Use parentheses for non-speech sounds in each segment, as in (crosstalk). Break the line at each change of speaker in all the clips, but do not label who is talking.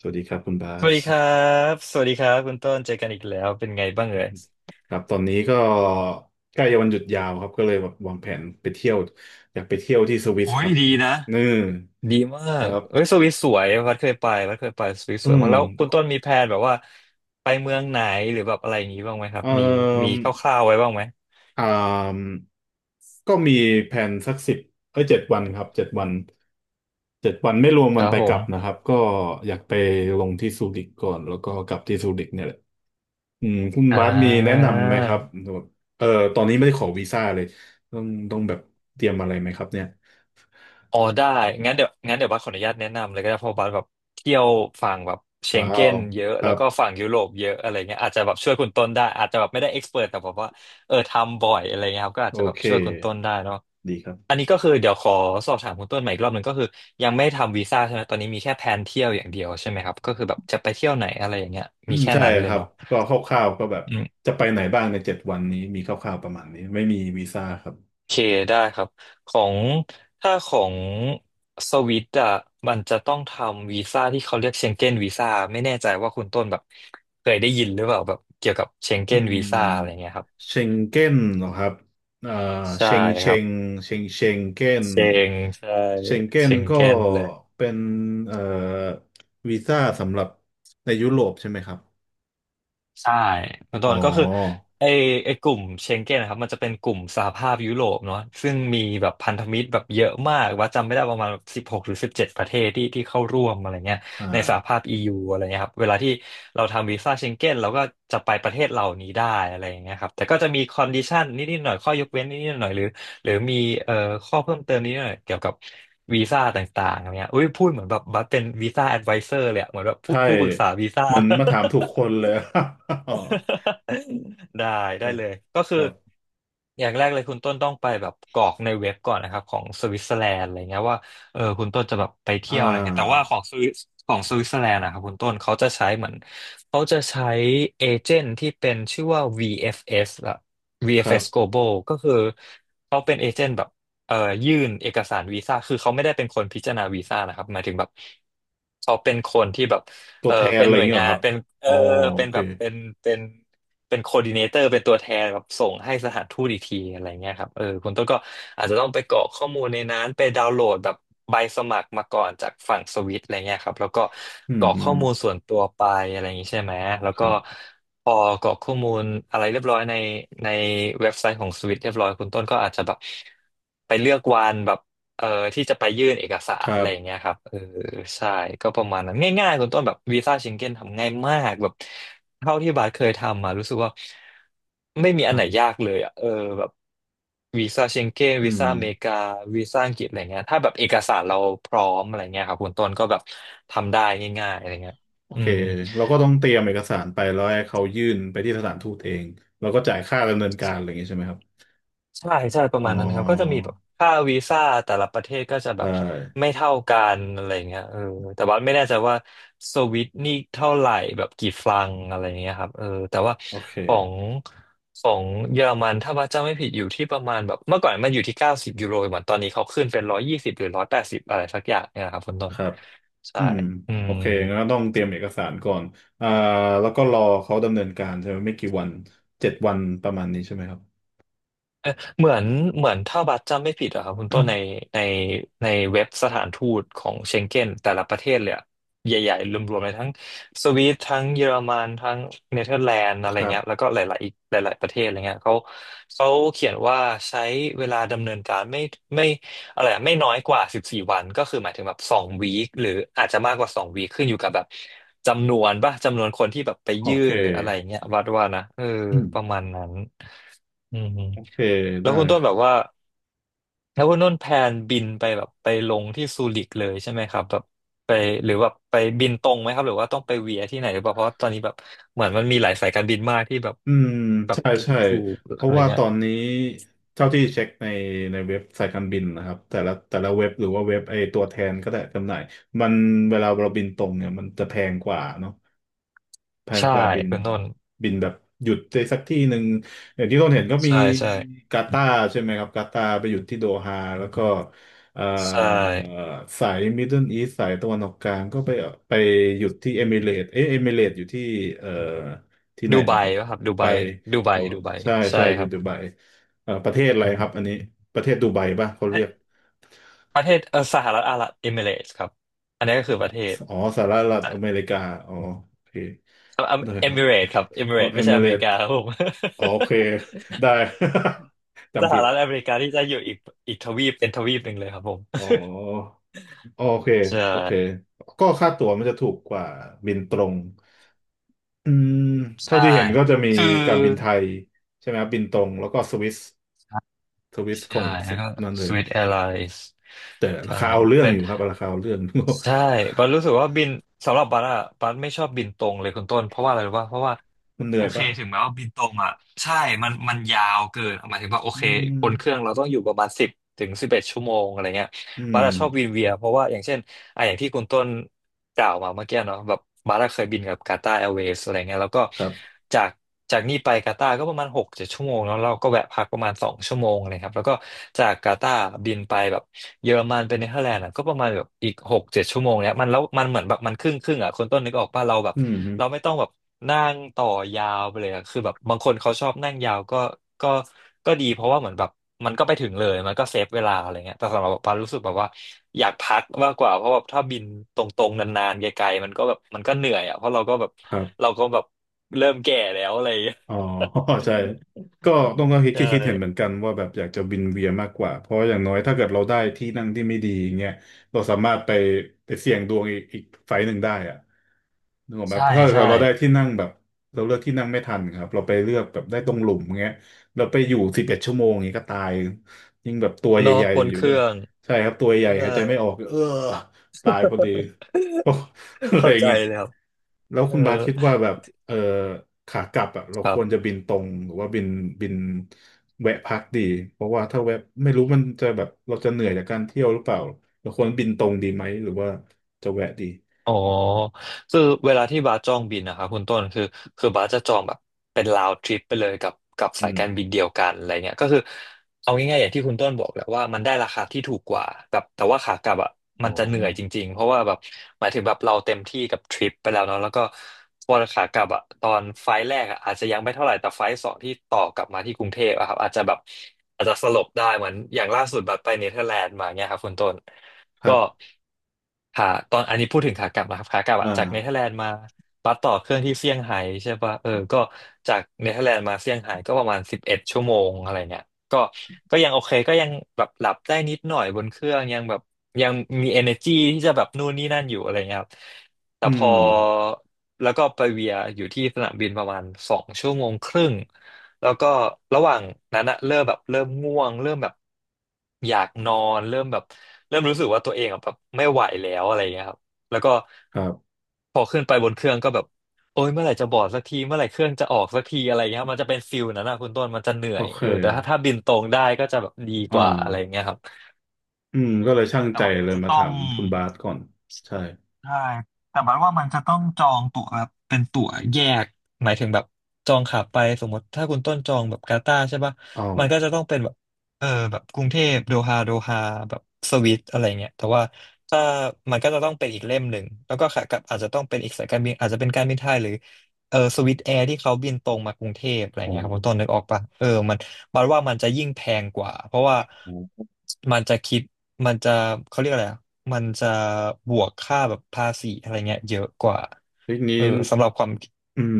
สวัสดีครับคุณบา
สวัส
ส
ดีครับ สวัสดีครับคุณต้นเจอกันอีกแล้ว เป็นไงบ้างเอ่ย
ครับตอนนี้ก็ใกล้จะวันหยุดยาวครับก็เลยแบบวางแผนไปเที่ยวอยากไปเที่ยวที่สวิส
โอ้
ค
ย
รับ
ดีนะ
นี่
ดีมา
ค
ก
รั
เอ้ย
บ
สวิสสวยวัดเคยไปวัดเคยไปสวิส
อื
สวยมา
ม
กแล้วคุณต้นมีแพลนแบบว่าไปเมืองไหนหรือแบบอะไรอย่างนี้บ้างไหมครับ
เอ่
มีมี
ม
คร่าวๆไว้บ้างไหม
อ่ามก็มีแผนสักสิบเอ้ยเจ็ดวันครับเจ็ดวันเจ็ดวันไม่รวม
ค
วัน
รับ
ไป
ผ
กลั
ม
บนะครับก็อยากไปลงที่ซูริกก่อนแล้วก็กลับที่ซูริกเนี่ยแหละ อืมคุณ
อ่
บาสมีแนะ
า
นำไหมครับแบบเออตอนนี้ไม่ได้ขอวีซ่าเลยต้องต้องแบบเตรียมอะไรไหมครับเนี่ย
อ๋อได้งั้นเดี๋ยวบัสขออนุญาตแนะนำเลยก็ได้เพราะบัสแบบเที่ยวฝั่งแบบเชง
ว้า
เก้
ว
นเยอะ
ครั
แล้ว
บ
ก็ฝั่งยุโรปเยอะอะไรเงี้ยอาจจะแบบช่วยคุณต้นได้อาจจะแบบไม่ได้เอ็กซ์เพรสแต่แบบว่าเออทำบ่อยอะไรเงี้ยครับก็อาจ
โอ
จะแบบ
เค
ช่วยคุณต้นได้เนาะ
ดีครับ
อันนี้ก็คือเดี๋ยวขอสอบถามคุณต้นใหม่อีกรอบหนึ่งก็คือยังไม่ทำวีซ่าใช่ไหมตอนนี้มีแค่แพลนเที่ยวอย่างเดียวใช่ไหมครับก็คือแบบจะไปเที่ยวไหนอะไรอย่างเงี้ย
อื
มี
ม
แค่
ใช่
นั้นเล
ค
ย
รับ
เนาะ
ก็คร่าวๆก็แบบจะไปไหนบ้างในเจ็ดวันนี้มีคร่าวๆประมาณนี้ไม่มีวีซ่าครับ
เคได้ครับของถ้าของสวิตอ่ะมันจะต้องทำวีซ่าที่เขาเรียกเชงเก้นวีซ่าไม่แน่ใจว่าคุณต้นแบบเคยได้ยินหรือเปล่าแบบเกี่ยวกับเชง
อื
เก้นวีซ่าอะไร
ม
เงี้ยครับ
เชงเก้นเหรอครับอ่า
ใช่
เชงเช
ครั
ง
บ
เชงเชงเก้น
เชงใช่
เชงเก้
เช
น
ง
ก็
เก้นเลย
เป็นเอ่อวีซ่าสำหรับในยุโรปใช่ไหมครับ
ใช่คุณ
อ๋
ต้นก็คือ
อ
ไอไอกลุ่มเชงเก้นนะครับมันจะเป็นกลุ่มสหภาพยุโรปเนาะซึ่งมีแบบพันธมิตรแบบเยอะมากว่าจำไม่ได้ประมาณ16หรือ17ประเทศที่เข้าร่วมอะไรเงี้ย
อ่า
ในสหภาพ EU อะไรเงี้ยครับเวลาที่เราทำวีซ่าเชงเก้นเราก็จะไปประเทศเหล่านี้ได้อะไรเงี้ยครับแต่ก็จะมีคอนดิชันนิดๆหน่อยข้อยกเว้นนิดๆหน่อยหรือมีเอ่อข้อเพิ่มเติมนิดหน่อยเกี่ยวกับวีซ่าต่างๆอะไรเงี้ยอุ้ยพูดเหมือนแบบบัสเป็นวีซ่าแอดไวเซอร์เลยอะเหมือนแบบผู้
ใช่
ผู้ปรึกษาวีซ่า
มันมาถามถูกคนเลย (laughs) อ๋อ
(laughs) ได้ได้เลยก็
ค
คือ
รับ
อย่างแรกเลยคุณต้นต้องไปแบบกรอกในเว็บก่อนนะครับของสวิตเซอร์แลนด์อะไรเงี้ยว่าเออคุณต้นจะแบบไป
อ่
เที่ยวอะไรเงี้ยแต่ว่า
า
ของสวิสของสวิตเซอร์แลนด์นะครับคุณต้นเขาจะใช้เหมือนเขาจะใช้เอเจนต์ที่เป็นชื่อว่า VFS ละ
ครั
VFS
บ
Global ก็คือเขาเป็นเอเจนต์แบบเอ่อยื่นเอกสารวีซ่าคือเขาไม่ได้เป็นคนพิจารณาวีซ่านะครับหมายถึงแบบเขาเป็นคนที่แบบ
ตั
เอ
ว
อ
แทน
เป็น
อะไร
ห
อ
น่
ย่า
ว
ง
ย
เงี้ยเหร
งา
อค
น
รับ
เป็นเอ
อ๋
อ
อโอ
เป็น
เค
แบบเป็นเป็นโคดิเนเตอร์เป็นตัวแทนแบบส่งให้สถานทูตอีกทีอะไรเงี้ยครับเออคุณต้นก็อาจจะต้องไปกรอกข้อมูลในนั้นไปดาวน์โหลดแบบใบสมัครมาก่อนจากฝั่งสวิตอะไรเงี้ยครับแล้วก็
อื
ก
ม
รอก
อื
ข้อ
ม
มูลส่วนตัวไปอะไรอย่างงี้ใช่ไหมแล้ว
ค
ก็
รับ
พอกรอกข้อมูลอะไรเรียบร้อยในเว็บไซต์ของสวิตเรียบร้อยคุณต้นก็อาจจะแบบไปเลือกวันแบบ เอ่อที่จะไปยื่นเอกสา
ค
ร
รั
อะไร
บ
อย่างเงี้ยครับเออใช่ก็ประมาณนั้นง่ายๆคุณต้นแบบวีซ่าเชงเก้นทำง่ายมากแบบเท่าที่บาสเคยทำมารู้สึกว่าไม่มี
ค
อัน
รั
ไหน
บ
ยากเลยอ่ะเออแบบวีซ่าเชงเก้น
อื
วี
ม
ซ่าอเมริกาวีซ่าอังกฤษอะไรเงี้ยถ้าแบบเอกสารเราพร้อมอะไรเงี้ยครับคุณต้นก็แบบทำได้ง่ายๆอะไรเงี้ย
โอ
อื
เค
ม
เราก็ต้องเตรียมเอกสารไปแล้วให้เขายื่นไปที่สถานทูตเอง แล้วก็จ่ายค่าดำเนินการอะไรอย่างเงี้ยใช่ไหมครับ
ใช่ใช่ประ
อ๋
มาณนั้นครับก็จะมี
อ
แบบค่าวีซ่าแต่ละประเทศก็จะ
ได
แบบ
้
ไม่เท่ากันอะไรเงี้ยเออแต่ว่าไม่แน่ใจว่าสวิตนี่เท่าไหร่แบบกี่ฟรังอะไรเงี้ยครับเออแต่ว่า
โอเค
ของของเยอรมันถ้าว่าจำไม่ผิดอยู่ที่ประมาณแบบเมื่อก่อนมันอยู่ที่90ยูโรเหมือนตอนนี้เขาขึ้นเป็น120หรือ180อะไรสักอย่างเนี่ยครับคุณต้
ค
น
รับ
ใช่
อืม
อื
โอ
ม
เคงั้นก็ต้องเตรียมเอกสารก่อนอ่าแล้วก็รอเขาดำเนินการใช่ไหมไม่กี่วันเจ็ดวันประมาณนี้ใช่ไหมครับ
เหมือนเหมือนถ้าบัตรจำไม่ผิดอะครับคุณต้นในในเว็บสถานทูตของเชงเก้นแต่ละประเทศเลยอะใหญ่ๆรวมๆเลยทั้งสวีดทั้งเยอรมันทั้งเนเธอร์แลนด์อะ
(coughs)
ไร
ครั
เงี้ยแล้ว
บ
ก็หลายๆอีกหลายๆประเทศอะไรเงี้ยเขาเขียนว่าใช้เวลาดำเนินการไม่อะไรอะไม่น้อยกว่า14วันก็คือหมายถึงแบบสองวีคหรืออาจจะมากกว่าสองวีคขึ้นอยู่กับแบบจำนวนป่ะจำนวนคนที่แบบไป
โอ
ยื่
เค
นหรืออะไรเงี้ยวัดว่านะเออ
อืม
ประมาณนั้นอืม
โอเค
แล้
ได้
วคุณต้
ค
น
รั
แบบ
บ
ว่าแล้วคุณต้นแพลนบินไปแบบไปลงที่ซูริกเลยใช่ไหมครับแบบไปหรือว่าไปบินตรงไหมครับหรือว่าต้องไปเวียที่ไหนหรือเปล่าเพราะว่าตอนนี้แบบเหมือนมันมีหลายสายการบินมากที่แบบ
อืม
แบบ
ใช่
ถูก
ใช่
ถูก
เพ
อะ
ราะ
ไร
ว่าต
เงี้ย
อนนี้เท่าที่เช็คในเว็บสายการบินนะครับแต่ละเว็บหรือว่าเว็บไอตัวแทนก็ได้จำหน่ายมันเวลาเราบินตรงเนี่ยมันจะแพงกว่าเนาะ แพง
ใช่
กว่าบิน
คุณต้น
แบบหยุดในสักที่หนึ่งอย่างที่ต้นเห็นก็มี
ใช่ใช่
กาตาร์ใช่ไหมครับกาตาร์ไปหยุดที่โดฮาแล้วก็เอ่อ
ใช่
สายมิดเดิลอีสสายตะวันออกกลางก็ไปไปหยุดที่เอมิเรตเอ๊ะเอมิเรตอยู่ที่เอ่อที่ไหน
ดูไบ
นะครับ
ป่ะครับ
ดู
ดูไบ
ไบ
ดูไบ
อ๋อ
ดูไบ
ใช่
ใช่
ใช่อ
ค
ยู่
รั
ดูไบ
บ
ประเทศอะไรครับอันนี้ประเทศดูไบป่ะเขาเรียก
ประเทศสหรัฐอาหรับเอมิเรตส์ครับอันนี้ก็คือประเทศ
อ๋อสหรัฐอเมริกาอ๋อโอเคได้
เอ
ครับ
มิเรตครับเอมิ
(laughs) อ๋
เร
อา
ต
เอ
ไม่ใช่
มิ
อ
เร
เมริ
ต
กาครับผม
โอเคได้ (laughs)
ส
จำ
ห
ผิด
รัฐอเมริกาที่จะอยู่อีกอีกทวีปเป็นทวีปหนึ่งเลยครับผม
อ๋อโอเค
(laughs) ใช่
โอเคก็ค่าตั๋วมันจะถูกกว่าบินตรงอืมเท่า
ใช่
ที่เห็นก็จะมี
คือ
การบินไทยใช่ไหมครับบินตรงแล้วก็สวิสข
ใช่
อง
แล้
สุ
ว
ด
ก็
นั่นเลย
Swiss Airlines
แต่รา
ใช่
คาเอาเรื่อง
เป็
อ
น
ยู่ครับราคาเอาเรื่อง
ใช่บันรู้สึกว่าบินสำหรับบันอะบันไม่ชอบบินตรงเลยคุณต้นเพราะว่าอะไรรู้ป่ะเพราะว่า
(laughs) มันเหนื่
โอ
อย
เค
ปะ
ถึงแม้ว่าบินตรงอ่ะใช่มันยาวเกินหมายถึงว่าโอ
อื
เค
ม
บนเครื่องเราต้องอยู่ประมาณสิบถึงสิบเอ็ดชั่วโมงอะไรเงี้ย
อื
บาร์
ม
ดชอบวินเวียเพราะว่าอย่างเช่นอ่ะอย่างที่คุณต้นกล่าวมาเมื่อกี้เนาะแบบบาร์ดเคยบินกับกาตาร์แอร์เวย์อะไรเงี้ยแล้วก็
ครับ
จากจากนี่ไปกาตาร์ก็ประมาณหกเจ็ดชั่วโมงแล้วเราก็แวะพักประมาณสองชั่วโมงเลยครับแล้วก็จากกาตาร์บินไปแบบเยอรมันไปเนเธอร์แลนด์อะก็ประมาณแบบอีกหกเจ็ดชั่วโมงเนี่ยมันแล้วมันเหมือนแบบมันครึ่งครึ่งอ่ะคนต้นนึกออกป่ะเราแบบ
อืมฮึ
เราไม่ต้องแบบนั่งต่อยาวไปเลยอะคือแบบบางคนเขาชอบนั่งยาวก็ก็ก็ดีเพราะว่าเหมือนแบบ มันก็ไปถึงเลย มันก็เซฟเวลาอะไรเงี้ยแต่สำหรับปารู้สึกแบบว่าอยากพักมากกว่าเพราะแบบถ้าบินตรงๆนานๆไกลๆมันก็แบบมันก็เหนื่อยอ่ะ เพราะเราก็แบบ
ครั
เรา
บ
ก็แบบเริ่มแก่แล้วอะไรอย่างเงี้ย
อ๋อ (laughs) ใช่ก็ต้องก็คิด
ใช่
คิดคิดเห็นเหมือนกันว่าแบบอยากจะวินเวียนมากกว่าเพราะอย่างน้อยถ้าเกิดเราได้ที่นั่งที่ไม่ดีอย่างเงี้ยเราสามารถไปเสี่ยงดวงอีกไฟล์หนึ่งได้อะนึกออกไหม
ใช่
ถ้าเกิ
ใช่
ดเราได้ที่นั่งแบบเราเลือกที่นั่งไม่ทันครับเราไปเลือกแบบได้ตรงหลุมเงี้ยเราไปอยู่สิบเอ็ดชั่วโมงอย่างเงี้ยก็ตายยิ่งแบบตัวให
เนาะ
ญ่
บน
ๆอยู่
เค
ด้ว
รื่
ย
อง
ใช่ครับตัวใหญ่
ใช่
หายใจไม่ออกเออตายพอดี (laughs) อะไร
เข้าใจ
เงี้ย
แล้ว
แล้ว
เออ
คุณบาสคิดว่าแบบเออขากลับอ่ะเรา
ค
ค
รั
วรจะ
บ
บินตรงหรือว่าบินบินแวะพักดี เพราะว่าถ้าแวะไม่รู้มันจะแบบเราจะเหนื่อยจากการเที่ยวหรือเปล่าเราควรบินตรงดีไหมหรือว่าจะแวะดี
อ๋อคือเวลาที่บาสจองบินนะคะคุณต้นคือคือบาสจะจองแบบเป็นรา d trip ไปเลยกับ
อื
สายการ
ม
บินเดียวกันอะไรเงี้ยก็คือเอาง่ายๆอย่างที่คุณต้นบอกแหละว่ามันได้ราคาที่ถูกกว่าแบบแต่ว่าขากลับอ่ะ
อ๋
มั
อ
นจะเหนื่อยจริงๆเพราะว่าแบบหมายถึงแบบเราเต็มที่กับทริปไปแล้วเนาะแล้วก็พอขากลับอ่ะตอนไฟล์แรกอ่ะอาจจะยังไม่เท่าไหร่แต่ไฟล์สองที่ต่อกลับมาที่กรุงเทพอะครับอาจจะแบบอาจจะสลบได้เหมือนอย่างล่าสุดบัสไปเนเธอร์แลนด์มาเงี้ยครับคุณต้น
ครั
ก็
บ
ขาตอนอันนี้พูดถึงขากลับนะครับขากลับอะ
อ่า
จากเนเธอร์แลนด์มาบัสต่อเครื่องที่เซี่ยงไฮ้ใช่ปะเออก็จากเนเธอร์แลนด์มาเซี่ยงไฮ้ก็ประมาณสิบเอ็ดชั่วโมงอะไรเงี้ยก็ก็ยังโอเคก็ยังแบบหลับได้นิดหน่อยบนเครื่องยังแบบยังมี energy ที่จะแบบนู่นนี่นั่นอยู่อะไรเงี้ยครับแต่
อื
พอ
ม
แล้วก็ไปเวียอยู่ที่สนามบินประมาณสองชั่วโมงครึ่ง แล้วก็ระหว่างนั้นอะเริ่มแบบเริ่มง่วงเริ่มแบบอยากนอนเริ่มแบบเริ่มรู้สึกว่าตัวเองอะแบบไม่ไหวแล้วอะไรเงี้ยครับแล้วก็
ครับ
พอขึ้นไปบนเครื่องก็แบบโอ้ยเมื่อไหร่จะบอร์ดสักทีเมื่อไหร่เครื่องจะออกสักทีอะไรเงี้ยครับมันจะเป็นฟิลนั้นนะคุณต้นมันจะเหนื่อ
โอ
ย
เค
เออแต่ถ้าบินตรงได้ก็จะแบบดีก
อ่า
ว่าอะไรเงี้ยครับ
อืมก็เลยช่าง
แต่
ใจ
ว่าก็
เลย
จะ
มา
ต้อ
ถา
ง
มคุณบาสก่อนใช่
ใช่แต่บัดว่ามันจะต้องจองตั๋วแบบเป็นตั๋วแยกหมายถึงแบบจองขาไปสมมติถ้าคุณต้นจองแบบกาตาร์ใช่ปะ
อ้าว
มันก็จะต้องเป็นแบบแบบกรุงเทพโดฮาโดฮาแบบสวิตอะไรเงี้ยแต่ว่าถ้ามันก็จะต้องเป็นอีกเล่มหนึ่งแล้วก็ขากลับอาจจะต้องเป็นอีกสายการบินอาจจะเป็นการบินไทยหรือสวิสแอร์ที่เขาบินตรงมากรุงเทพอะไร
โอ้
เงี้ยครับคุณต้นนึกออกปะเออมัน บัดว่ามันจะยิ่งแพงกว่าเพราะว่า
โห
มันจะคิดมันจะเขาเรียกอะไรอะมันจะบวกค่าแบบภาษีอะไรเงี้ยเยอะกว่า
ทีนี้
สำหรับความ
อืม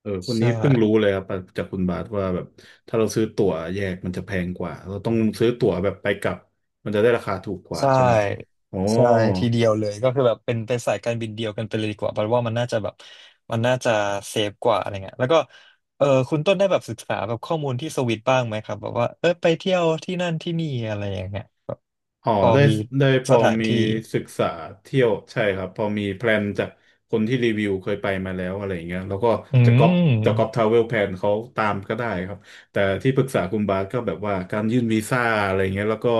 เออคน
ใช่
นี้เพิ่งรู้เลยครับจากคุณบาทว่าแบบถ้าเราซื้อตั๋วแยกมันจะแพงกว่าเราต้องซื้อตั๋วแบบไปกลับมันจะได้ราคาถูกกว่า
ใช่
ใช่ไหมครับอ๋อ
ใช่ทีเดียวเลยก็คือแบบเป็นสายการบินเดียวกันไปเลยดีกว่าบัดว่ามันน่าจะแบบมันน่าจะเซฟกว่าอะไรเงี้ยแล้วก็เออคุณต้นได้แบบศึกษาแบบข้อมูลที่สวิตบ้างไหมครับแบบว่าเออไปเที่ยวที่นั่นที่นี่อะไรอย่างเงี้ยแบบ
อ๋อ
พอ
ได้
มี
ได้พ
ส
อ
ถาน
มี
ที่
ศึกษาเที่ยวใช่ครับพอมีแพลนจากคนที่รีวิวเคยไปมาแล้วอะไรอย่างเงี้ยแล้วก็
อื
จะก๊อปท
ม
ราเวลแพลนเขาตามก็ได้ครับแต่ที่ปรึกษาคุณบาสก็แบบว่าการยื่นวีซ่าอะไรเงี้ยแล้วก็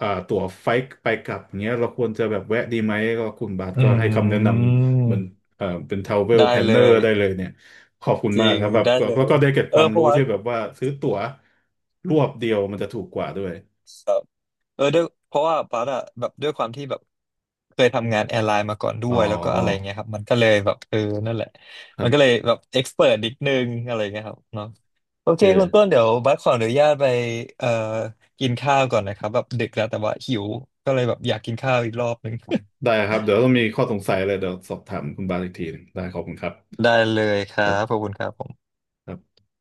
อ่าตั๋วไฟล์ไปกลับอย่างเงี้ยเราควรจะแบบแวะดีไหมก็คุณบาส
อื
ก็ให้คำแนะนำเหมือน
ม
เป็นทราเวล
ได้
แพลน
เล
เนอร์
ย
ได้เลยเนี่ยขอบคุณ
จ
มา
ริ
ก
ง
ครับแบบ
ได้เล
แล้ว
ย
ก็ได้เก็บค
เอ
วา
อ
ม
เพ
รู้
ราะว่า
ที่แบบว่าซื้อตั๋วรวบเดียวมันจะถูกกว่าด้วย
แบบเออด้วยเพราะว่าปั๊ดอะแบบด้วยความที่แบบเคยทำงานแอร์ไลน์มาก่อนด้
อ๋อ
วยแล้วก็อะไรเงี้ยครับมันก็เลยแบบเออนั่นแหละ
ครั
มันก็เลย
บ
แบบเอ็กซ์เพรนิดนึงอะไรเงี้ยครับเนาะโอ
โอ
เคคุณต้
เค
นเดี๋ยวบัสขออนุญาตไปเอ่อกินข้าวก่อนนะครับแบบดึกแล้วแต่ว่าหิวก็เลยแบบอยากกินข้าวอีกรอบนึง
ได้ครับ เดี๋ยวต้องมีข้อสงสัยอะไรเดี๋ยวสอบถามคุณบาสอีกทีหนึ่งได้ขอบคุณครับ
(laughs) ได้เลยค
ครั
รับขอบ
บ
คุณครับผม
ครับ